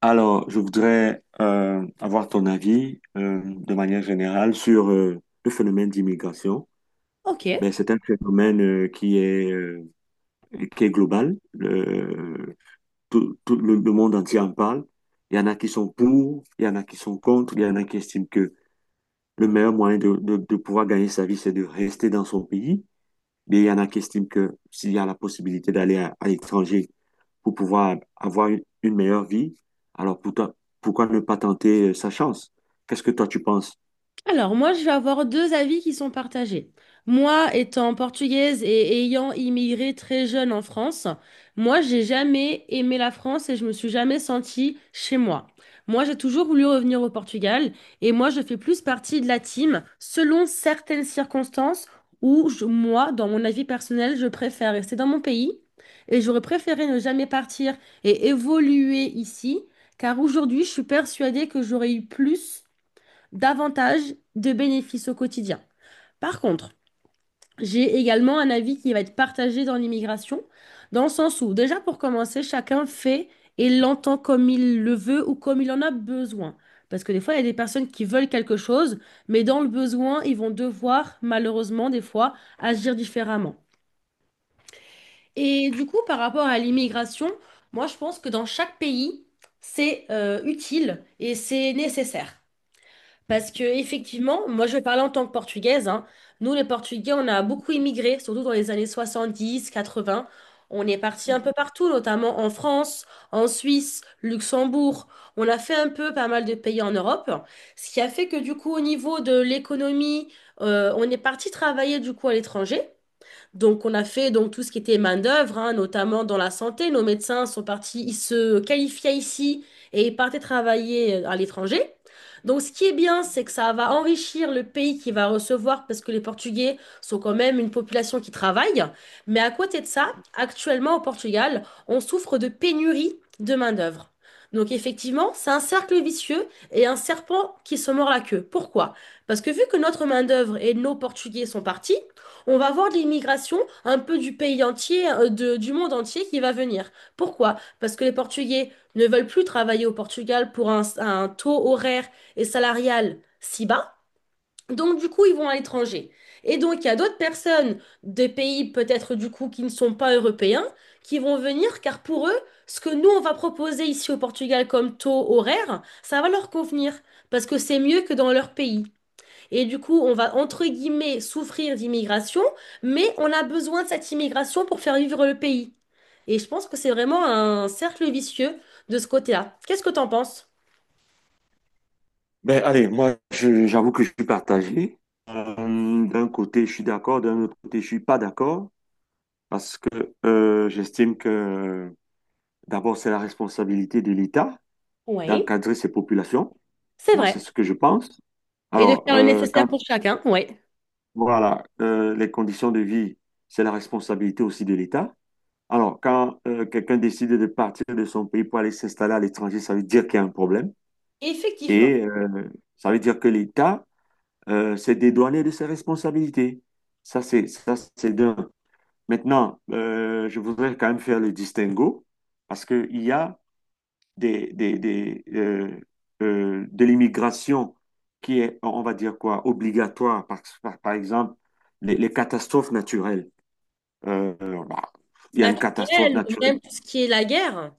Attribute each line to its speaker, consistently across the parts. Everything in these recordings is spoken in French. Speaker 1: Alors, je voudrais avoir ton avis de manière générale sur le phénomène d'immigration.
Speaker 2: Ok.
Speaker 1: Ben, c'est un phénomène qui est global. Tout le monde entier en parle. Il y en a qui sont pour, il y en a qui sont contre, il y en a qui estiment que le meilleur moyen de pouvoir gagner sa vie, c'est de rester dans son pays. Mais il y en a qui estiment que s'il y a la possibilité à l'étranger, pour pouvoir avoir une meilleure vie. Alors pour toi, pourquoi ne pas tenter sa chance? Qu'est-ce que toi tu penses?
Speaker 2: Alors, moi, je vais avoir deux avis qui sont partagés. Moi, étant portugaise et ayant immigré très jeune en France, moi, j'ai jamais aimé la France et je me suis jamais sentie chez moi. Moi, j'ai toujours voulu revenir au Portugal et moi, je fais plus partie de la team selon certaines circonstances où moi, dans mon avis personnel, je préfère rester dans mon pays et j'aurais préféré ne jamais partir et évoluer ici, car aujourd'hui, je suis persuadée que j'aurais eu plus davantage de bénéfices au quotidien. Par contre, j'ai également un avis qui va être partagé dans l'immigration, dans le sens où, déjà pour commencer, chacun fait et l'entend comme il le veut ou comme il en a besoin. Parce que des fois, il y a des personnes qui veulent quelque chose, mais dans le besoin, ils vont devoir, malheureusement, des fois, agir différemment. Et du coup, par rapport à l'immigration, moi, je pense que dans chaque pays, c'est utile et c'est nécessaire. Parce que effectivement, moi je vais parler en tant que portugaise, hein. Nous les Portugais, on a beaucoup immigré, surtout dans les années soixante-dix, quatre-vingts. On est parti un peu partout, notamment en France, en Suisse, Luxembourg. On a fait un peu pas mal de pays en Europe, ce qui a fait que du coup au niveau de l'économie, on est parti travailler du coup à l'étranger. Donc, on a fait donc tout ce qui était main-d'œuvre, hein, notamment dans la santé. Nos médecins sont partis, ils se qualifiaient ici et ils partaient travailler à l'étranger. Donc, ce qui est bien, c'est que ça va enrichir le pays qui va recevoir, parce que les Portugais sont quand même une population qui travaille. Mais à côté de ça, actuellement au Portugal, on souffre de pénurie de main-d'œuvre. Donc effectivement, c'est un cercle vicieux et un serpent qui se mord la queue. Pourquoi? Parce que vu que notre main-d'œuvre et nos Portugais sont partis, on va avoir de l'immigration un peu du pays entier, du monde entier qui va venir. Pourquoi? Parce que les Portugais ne veulent plus travailler au Portugal pour un taux horaire et salarial si bas. Donc, du coup, ils vont à l'étranger. Et donc, il y a d'autres personnes des pays peut-être du coup qui ne sont pas européens qui vont venir car pour eux, ce que nous, on va proposer ici au Portugal comme taux horaire, ça va leur convenir parce que c'est mieux que dans leur pays. Et du coup, on va, entre guillemets, souffrir d'immigration, mais on a besoin de cette immigration pour faire vivre le pays. Et je pense que c'est vraiment un cercle vicieux de ce côté-là. Qu'est-ce que t'en penses?
Speaker 1: Ben allez, j'avoue que je suis partagé. D'un côté je suis d'accord, d'un autre côté je suis pas d'accord parce que j'estime que d'abord c'est la responsabilité de l'État
Speaker 2: Oui,
Speaker 1: d'encadrer ses populations.
Speaker 2: c'est
Speaker 1: Moi
Speaker 2: vrai.
Speaker 1: c'est ce que je pense.
Speaker 2: Et de
Speaker 1: Alors
Speaker 2: faire le nécessaire
Speaker 1: quand
Speaker 2: pour chacun, oui.
Speaker 1: voilà les conditions de vie, c'est la responsabilité aussi de l'État. Alors, quand quelqu'un décide de partir de son pays pour aller s'installer à l'étranger, ça veut dire qu'il y a un problème
Speaker 2: Effectivement.
Speaker 1: et ça veut dire que l'État s'est dédouané de ses responsabilités. Ça, c'est d'un. Maintenant, je voudrais quand même faire le distinguo parce qu'il y a des, des, des, euh, de l'immigration qui est, on va dire quoi, obligatoire. Par exemple, les catastrophes naturelles. Euh, bah, il y a une catastrophe
Speaker 2: Naturel, même
Speaker 1: naturelle.
Speaker 2: tout ce qui est la guerre.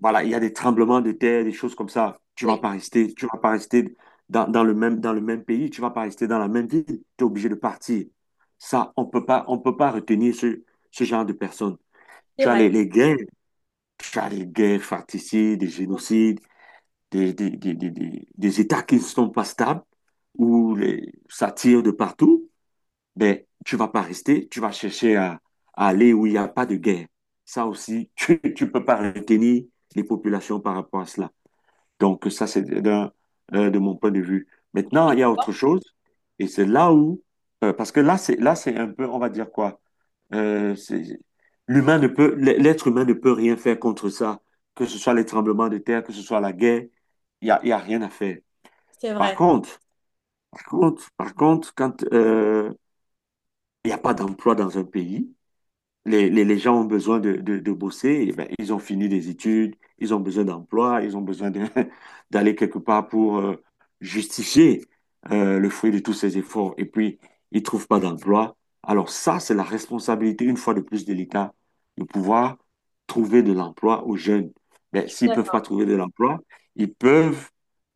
Speaker 1: Voilà, il y a des tremblements de terre, des choses comme ça.
Speaker 2: Oui,
Speaker 1: Tu vas pas rester dans le même pays, tu vas pas rester dans la même ville. Tu es obligé de partir. Ça, on peut pas retenir ce genre de personnes.
Speaker 2: c'est
Speaker 1: Tu as
Speaker 2: vrai,
Speaker 1: les guerres, tu as les guerres fratricides, des génocides, des États qui ne sont pas stables, où ça tire de partout. Ben, tu vas pas rester, tu vas chercher à aller où il n'y a pas de guerre. Ça aussi, tu peux pas retenir les populations par rapport à cela. Donc, ça, c'est d'un, de mon point de vue. Maintenant, il y a autre chose, et c'est là où, parce que là, c'est un peu, on va dire quoi, euh, c'est- l'être humain ne peut rien faire contre ça, que ce soit les tremblements de terre, que ce soit la guerre, il y a rien à faire.
Speaker 2: c'est
Speaker 1: Par
Speaker 2: vrai.
Speaker 1: contre, quand il n'y a pas d'emploi dans un pays, les gens ont besoin de bosser, eh ben, ils ont fini des études, ils ont besoin d'emploi, ils ont besoin de- d'aller quelque part pour justifier le fruit de tous ces efforts. Et puis, ils ne trouvent pas d'emploi. Alors ça, c'est la responsabilité, une fois de plus, de l'État, de pouvoir trouver de l'emploi aux jeunes. Mais
Speaker 2: Je suis
Speaker 1: s'ils ne peuvent pas
Speaker 2: d'accord.
Speaker 1: trouver de l'emploi, ils peuvent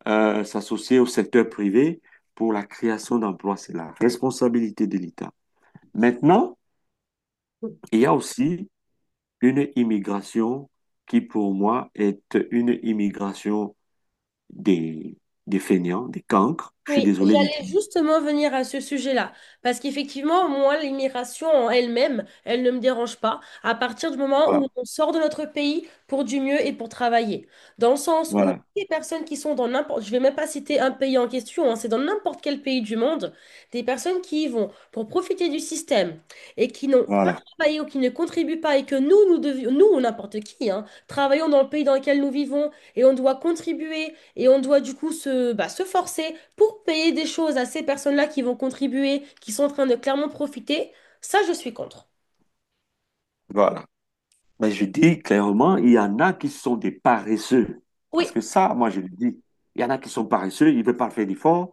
Speaker 1: s'associer au secteur privé pour la création d'emplois. C'est la responsabilité de l'État. Maintenant, il y a aussi une immigration qui, pour moi, est une immigration des, des fainéants, des cancres. Je suis
Speaker 2: Oui,
Speaker 1: désolé
Speaker 2: j'allais
Speaker 1: d'utiliser.
Speaker 2: justement venir à ce sujet-là, parce qu'effectivement, moi, l'immigration en elle-même, elle ne me dérange pas à partir du moment où
Speaker 1: Voilà,
Speaker 2: on sort de notre pays pour du mieux et pour travailler. Dans le sens où
Speaker 1: voilà,
Speaker 2: des personnes qui sont dans n'importe, je vais même pas citer un pays en question, hein, c'est dans n'importe quel pays du monde, des personnes qui y vont pour profiter du système et qui n'ont pas
Speaker 1: voilà.
Speaker 2: travaillé ou qui ne contribuent pas et que nous, nous devions, nous ou n'importe qui, hein, travaillons dans le pays dans lequel nous vivons et on doit contribuer et on doit du coup se, bah, se forcer pour payer des choses à ces personnes-là qui vont contribuer, qui sont en train de clairement profiter, ça, je suis contre.
Speaker 1: Voilà. Mais je dis clairement, il y en a qui sont des paresseux. Parce
Speaker 2: Oui,
Speaker 1: que ça, moi, je le dis. Il y en a qui sont paresseux, ils ne veulent pas faire d'efforts.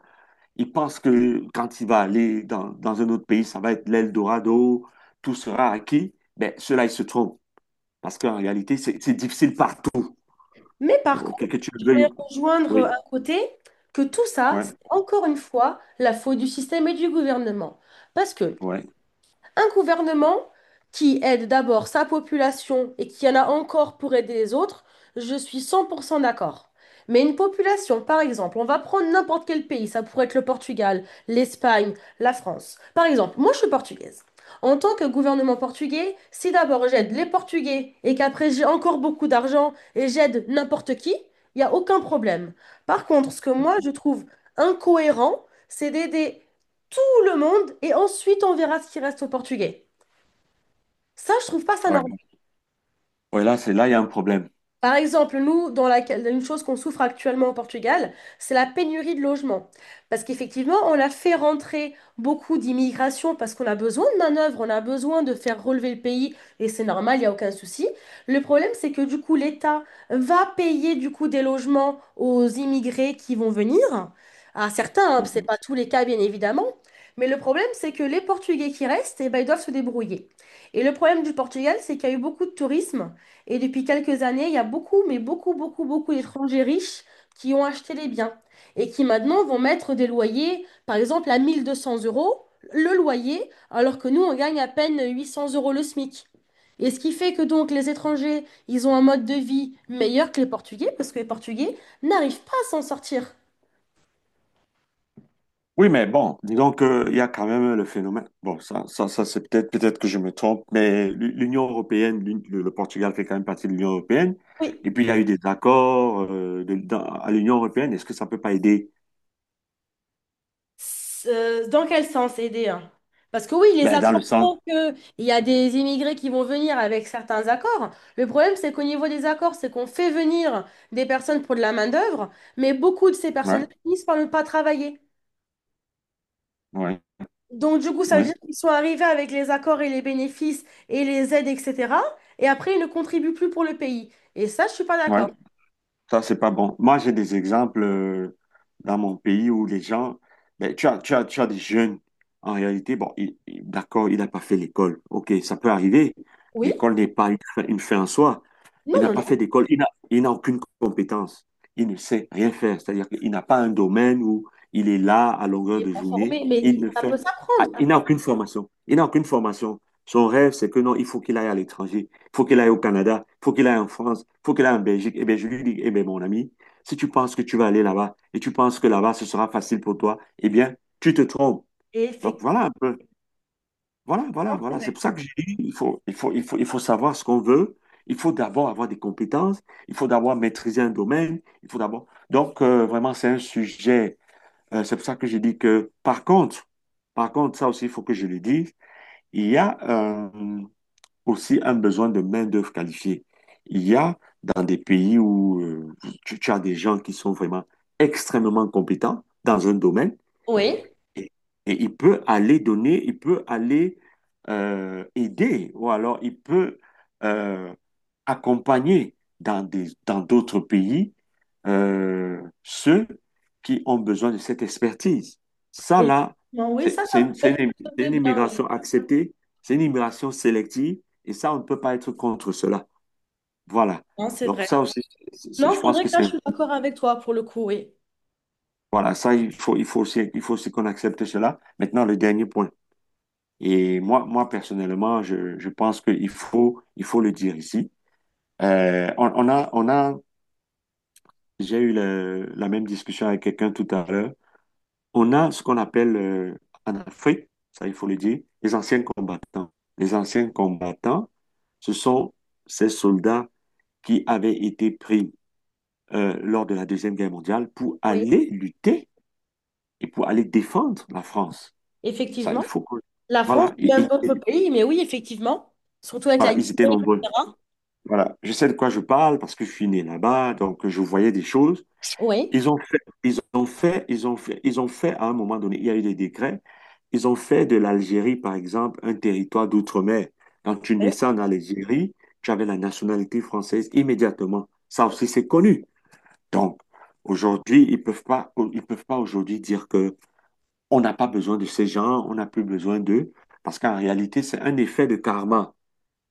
Speaker 1: Ils pensent que quand il va aller dans un autre pays, ça va être l'Eldorado, tout sera acquis. Mais ceux-là, ils se trompent. Parce qu'en réalité, c'est difficile partout.
Speaker 2: mais par contre,
Speaker 1: Ok, que tu
Speaker 2: je
Speaker 1: le veuilles
Speaker 2: vais
Speaker 1: pas.
Speaker 2: rejoindre
Speaker 1: Oui,
Speaker 2: un côté que tout ça, c'est
Speaker 1: ouais,
Speaker 2: encore une fois la faute du système et du gouvernement. Parce que
Speaker 1: ouais.
Speaker 2: un gouvernement qui aide d'abord sa population et qui en a encore pour aider les autres, je suis 100% d'accord. Mais une population, par exemple, on va prendre n'importe quel pays, ça pourrait être le Portugal, l'Espagne, la France. Par exemple, moi je suis portugaise. En tant que gouvernement portugais, si d'abord j'aide les Portugais et qu'après j'ai encore beaucoup d'argent et j'aide n'importe qui, il n'y a aucun problème. Par contre, ce que moi je trouve incohérent, c'est d'aider le monde et ensuite on verra ce qui reste aux Portugais. Ça, je trouve pas ça normal.
Speaker 1: Ouais. Ouais, là, il y a un problème.
Speaker 2: Par exemple, nous, dans laquelle, une chose qu'on souffre actuellement au Portugal, c'est la pénurie de logements. Parce qu'effectivement, on a fait rentrer beaucoup d'immigration parce qu'on a besoin de main-d'œuvre, on a besoin de faire relever le pays, et c'est normal, il n'y a aucun souci. Le problème, c'est que du coup, l'État va payer du coup des logements aux immigrés qui vont venir. À certains, hein, c'est
Speaker 1: Mhm.
Speaker 2: pas tous les cas, bien évidemment. Mais le problème, c'est que les Portugais qui restent, eh ben, ils doivent se débrouiller. Et le problème du Portugal, c'est qu'il y a eu beaucoup de tourisme. Et depuis quelques années, il y a beaucoup, mais beaucoup, beaucoup, beaucoup d'étrangers riches qui ont acheté les biens et qui maintenant vont mettre des loyers, par exemple à 1 200 euros le loyer, alors que nous, on gagne à peine 800 euros le SMIC. Et ce qui fait que donc les étrangers, ils ont un mode de vie meilleur que les Portugais, parce que les Portugais n'arrivent pas à s'en sortir.
Speaker 1: Oui, mais bon, disons qu'il y a quand même le phénomène. Bon, ça c'est peut-être que je me trompe, mais l'Union européenne, le Portugal fait quand même partie de l'Union européenne.
Speaker 2: Oui.
Speaker 1: Et puis, il y a eu des accords à l'Union européenne. Est-ce que ça peut pas aider?
Speaker 2: Dans quel sens aider? Hein. Parce que oui, les
Speaker 1: Ben, dans le
Speaker 2: accords
Speaker 1: sens.
Speaker 2: font que il y a des immigrés qui vont venir avec certains accords. Le problème, c'est qu'au niveau des accords, c'est qu'on fait venir des personnes pour de la main-d'œuvre, mais beaucoup de ces
Speaker 1: Ouais,
Speaker 2: personnes-là finissent par ne pas travailler.
Speaker 1: ouais,
Speaker 2: Donc, du coup, ça veut dire
Speaker 1: ouais,
Speaker 2: qu'ils sont arrivés avec les accords et les bénéfices et les aides, etc. Et après, ils ne contribuent plus pour le pays. Et ça, je suis pas
Speaker 1: ouais.
Speaker 2: d'accord.
Speaker 1: Ça, c'est pas bon. Moi, j'ai des exemples dans mon pays où les gens, ben, tu as des jeunes, en réalité, bon, d'accord, il n'a pas fait l'école. OK, ça peut arriver.
Speaker 2: Oui?
Speaker 1: L'école n'est pas une fin, une fin en soi. Il
Speaker 2: Non,
Speaker 1: n'a
Speaker 2: non,
Speaker 1: pas
Speaker 2: non.
Speaker 1: fait d'école, il n'a aucune compétence. Il ne sait rien faire. C'est-à-dire qu'il n'a pas un domaine où il est là à
Speaker 2: Il
Speaker 1: longueur
Speaker 2: n'est
Speaker 1: de
Speaker 2: pas
Speaker 1: journée.
Speaker 2: formé, mais
Speaker 1: Il
Speaker 2: il-
Speaker 1: ne
Speaker 2: ça
Speaker 1: fait,
Speaker 2: peut
Speaker 1: ah,
Speaker 2: s'apprendre.
Speaker 1: il n'a aucune formation. Il n'a aucune formation. Son rêve, c'est que non, il faut qu'il aille à l'étranger, faut qu'il aille au Canada, faut qu'il aille en France, faut qu'il aille en Belgique. Eh bien, je lui dis, eh bien, mon ami, si tu penses que tu vas aller là-bas et tu penses que là-bas, ce sera facile pour toi, eh bien, tu te trompes.
Speaker 2: Et
Speaker 1: Donc,
Speaker 2: effectivement.
Speaker 1: voilà un peu. Voilà, voilà, voilà. C'est pour ça que je dis, il faut savoir ce qu'on veut. Il faut d'abord avoir des compétences. Il faut d'abord maîtriser un domaine. Il faut d'abord. Donc, vraiment, c'est un sujet. C'est pour ça que je dis que, par contre, ça aussi, il faut que je le dise. Il y a, euh, aussi un besoin de main-d'œuvre qualifiée. Il y a dans des pays où tu as des gens qui sont vraiment extrêmement compétents dans un domaine
Speaker 2: Oui.
Speaker 1: et, et il peut aller donner, il peut aller aider ou alors il peut euh, accompagner dans d'autres pays ceux qui ont besoin de cette expertise. Ça,
Speaker 2: Et-
Speaker 1: là,
Speaker 2: non, oui,
Speaker 1: c'est
Speaker 2: ça
Speaker 1: c'est
Speaker 2: peut
Speaker 1: une, c'est une-
Speaker 2: être de
Speaker 1: une
Speaker 2: bien, oui.
Speaker 1: immigration acceptée, c'est une immigration sélective, et ça, on ne peut pas être contre cela. Voilà.
Speaker 2: Non, c'est
Speaker 1: Donc
Speaker 2: vrai.
Speaker 1: ça aussi,
Speaker 2: Non,
Speaker 1: je
Speaker 2: c'est
Speaker 1: pense
Speaker 2: vrai
Speaker 1: que
Speaker 2: que là, je
Speaker 1: c'est...
Speaker 2: suis d'accord avec toi pour le coup, oui.
Speaker 1: Voilà, ça, il faut aussi qu'on accepte cela. Maintenant, le dernier point. Et moi, moi personnellement, je pense qu'il faut, il faut le dire ici. On a j'ai eu la même discussion avec quelqu'un tout à l'heure. On a ce qu'on appelle en Afrique, ça il faut le dire, les anciens combattants. Les anciens combattants, ce sont ces soldats qui avaient été pris lors de la Deuxième Guerre mondiale pour
Speaker 2: Oui.
Speaker 1: aller lutter et pour aller défendre la France. Ça,
Speaker 2: Effectivement.
Speaker 1: il faut que...
Speaker 2: La France,
Speaker 1: Voilà,
Speaker 2: même d'autres pays, mais oui, effectivement. Surtout avec la
Speaker 1: voilà,
Speaker 2: Guinée,
Speaker 1: ils étaient nombreux.
Speaker 2: etc.
Speaker 1: Voilà, je sais de quoi je parle parce que je suis né là-bas, donc je voyais des choses.
Speaker 2: Oui.
Speaker 1: Ils ont fait, ils ont fait, ils ont fait, ils ont fait à un moment donné, il y a eu des décrets, ils ont fait de l'Algérie, par exemple, un territoire d'outre-mer. Quand tu
Speaker 2: Oui.
Speaker 1: naissais en Algérie, tu avais la nationalité française immédiatement. Ça aussi, c'est connu. Donc, aujourd'hui, ils peuvent pas aujourd'hui dire que on n'a pas besoin de ces gens, on n'a plus besoin d'eux, parce qu'en réalité, c'est un effet de karma,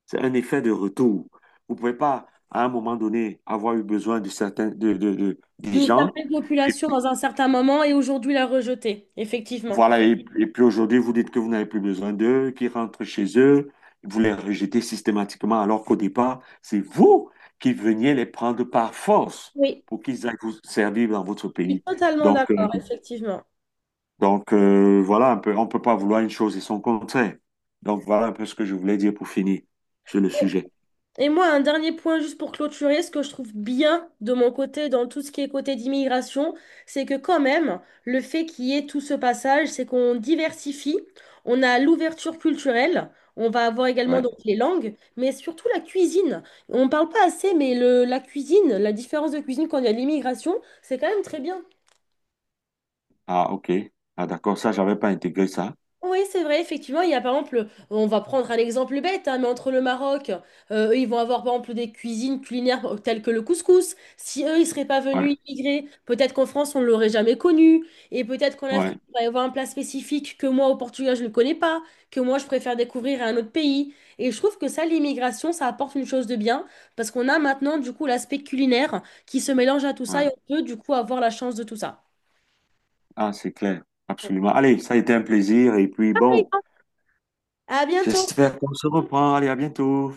Speaker 1: c'est un effet de retour. Vous pouvez pas, à un moment donné, avoir eu besoin de certains, des
Speaker 2: D'une
Speaker 1: gens.
Speaker 2: certaine population dans un certain moment et aujourd'hui la rejeter. Effectivement.
Speaker 1: Voilà, et puis aujourd'hui, vous dites que vous n'avez plus besoin d'eux, qu'ils rentrent chez eux, vous les rejetez systématiquement, alors qu'au départ, c'est vous qui veniez les prendre par force
Speaker 2: Oui.
Speaker 1: pour qu'ils aillent vous servir dans votre
Speaker 2: Je suis
Speaker 1: pays.
Speaker 2: totalement
Speaker 1: Donc, euh,
Speaker 2: d'accord, effectivement.
Speaker 1: donc, voilà un peu, on ne peut pas vouloir une chose et son contraire. Donc, voilà un peu ce que je voulais dire pour finir sur le sujet.
Speaker 2: Et moi, un dernier point juste pour clôturer, ce que je trouve bien de mon côté dans tout ce qui est côté d'immigration, c'est que quand même, le fait qu'il y ait tout ce passage, c'est qu'on diversifie, on a l'ouverture culturelle, on va avoir également
Speaker 1: Ouais.
Speaker 2: donc les langues, mais surtout la cuisine. On ne parle pas assez, mais le, la cuisine, la différence de cuisine quand il y a l'immigration, c'est quand même très bien.
Speaker 1: Ah, ok. Ah, d'accord, ça, j'avais pas intégré ça.
Speaker 2: Oui, c'est vrai, effectivement, il y a par exemple, on va prendre un exemple bête, hein, mais entre le Maroc, eux, ils vont avoir par exemple des cuisines culinaires telles que le couscous. Si eux, ils seraient pas
Speaker 1: Ouais,
Speaker 2: venus immigrer, peut-être qu'en France, on ne l'aurait jamais connu. Et peut-être qu'en Afrique,
Speaker 1: ouais,
Speaker 2: il va y avoir un plat spécifique que moi, au Portugal, je ne connais pas, que moi, je préfère découvrir à un autre pays. Et je trouve que ça, l'immigration, ça apporte une chose de bien, parce qu'on a maintenant, du coup, l'aspect culinaire qui se mélange à tout
Speaker 1: ouais.
Speaker 2: ça et on peut, du coup, avoir la chance de tout ça.
Speaker 1: Ah, c'est clair, absolument. Allez, ça a été un plaisir, et puis bon.
Speaker 2: Oui. À bientôt!
Speaker 1: J'espère qu'on se reprend. Allez, à bientôt.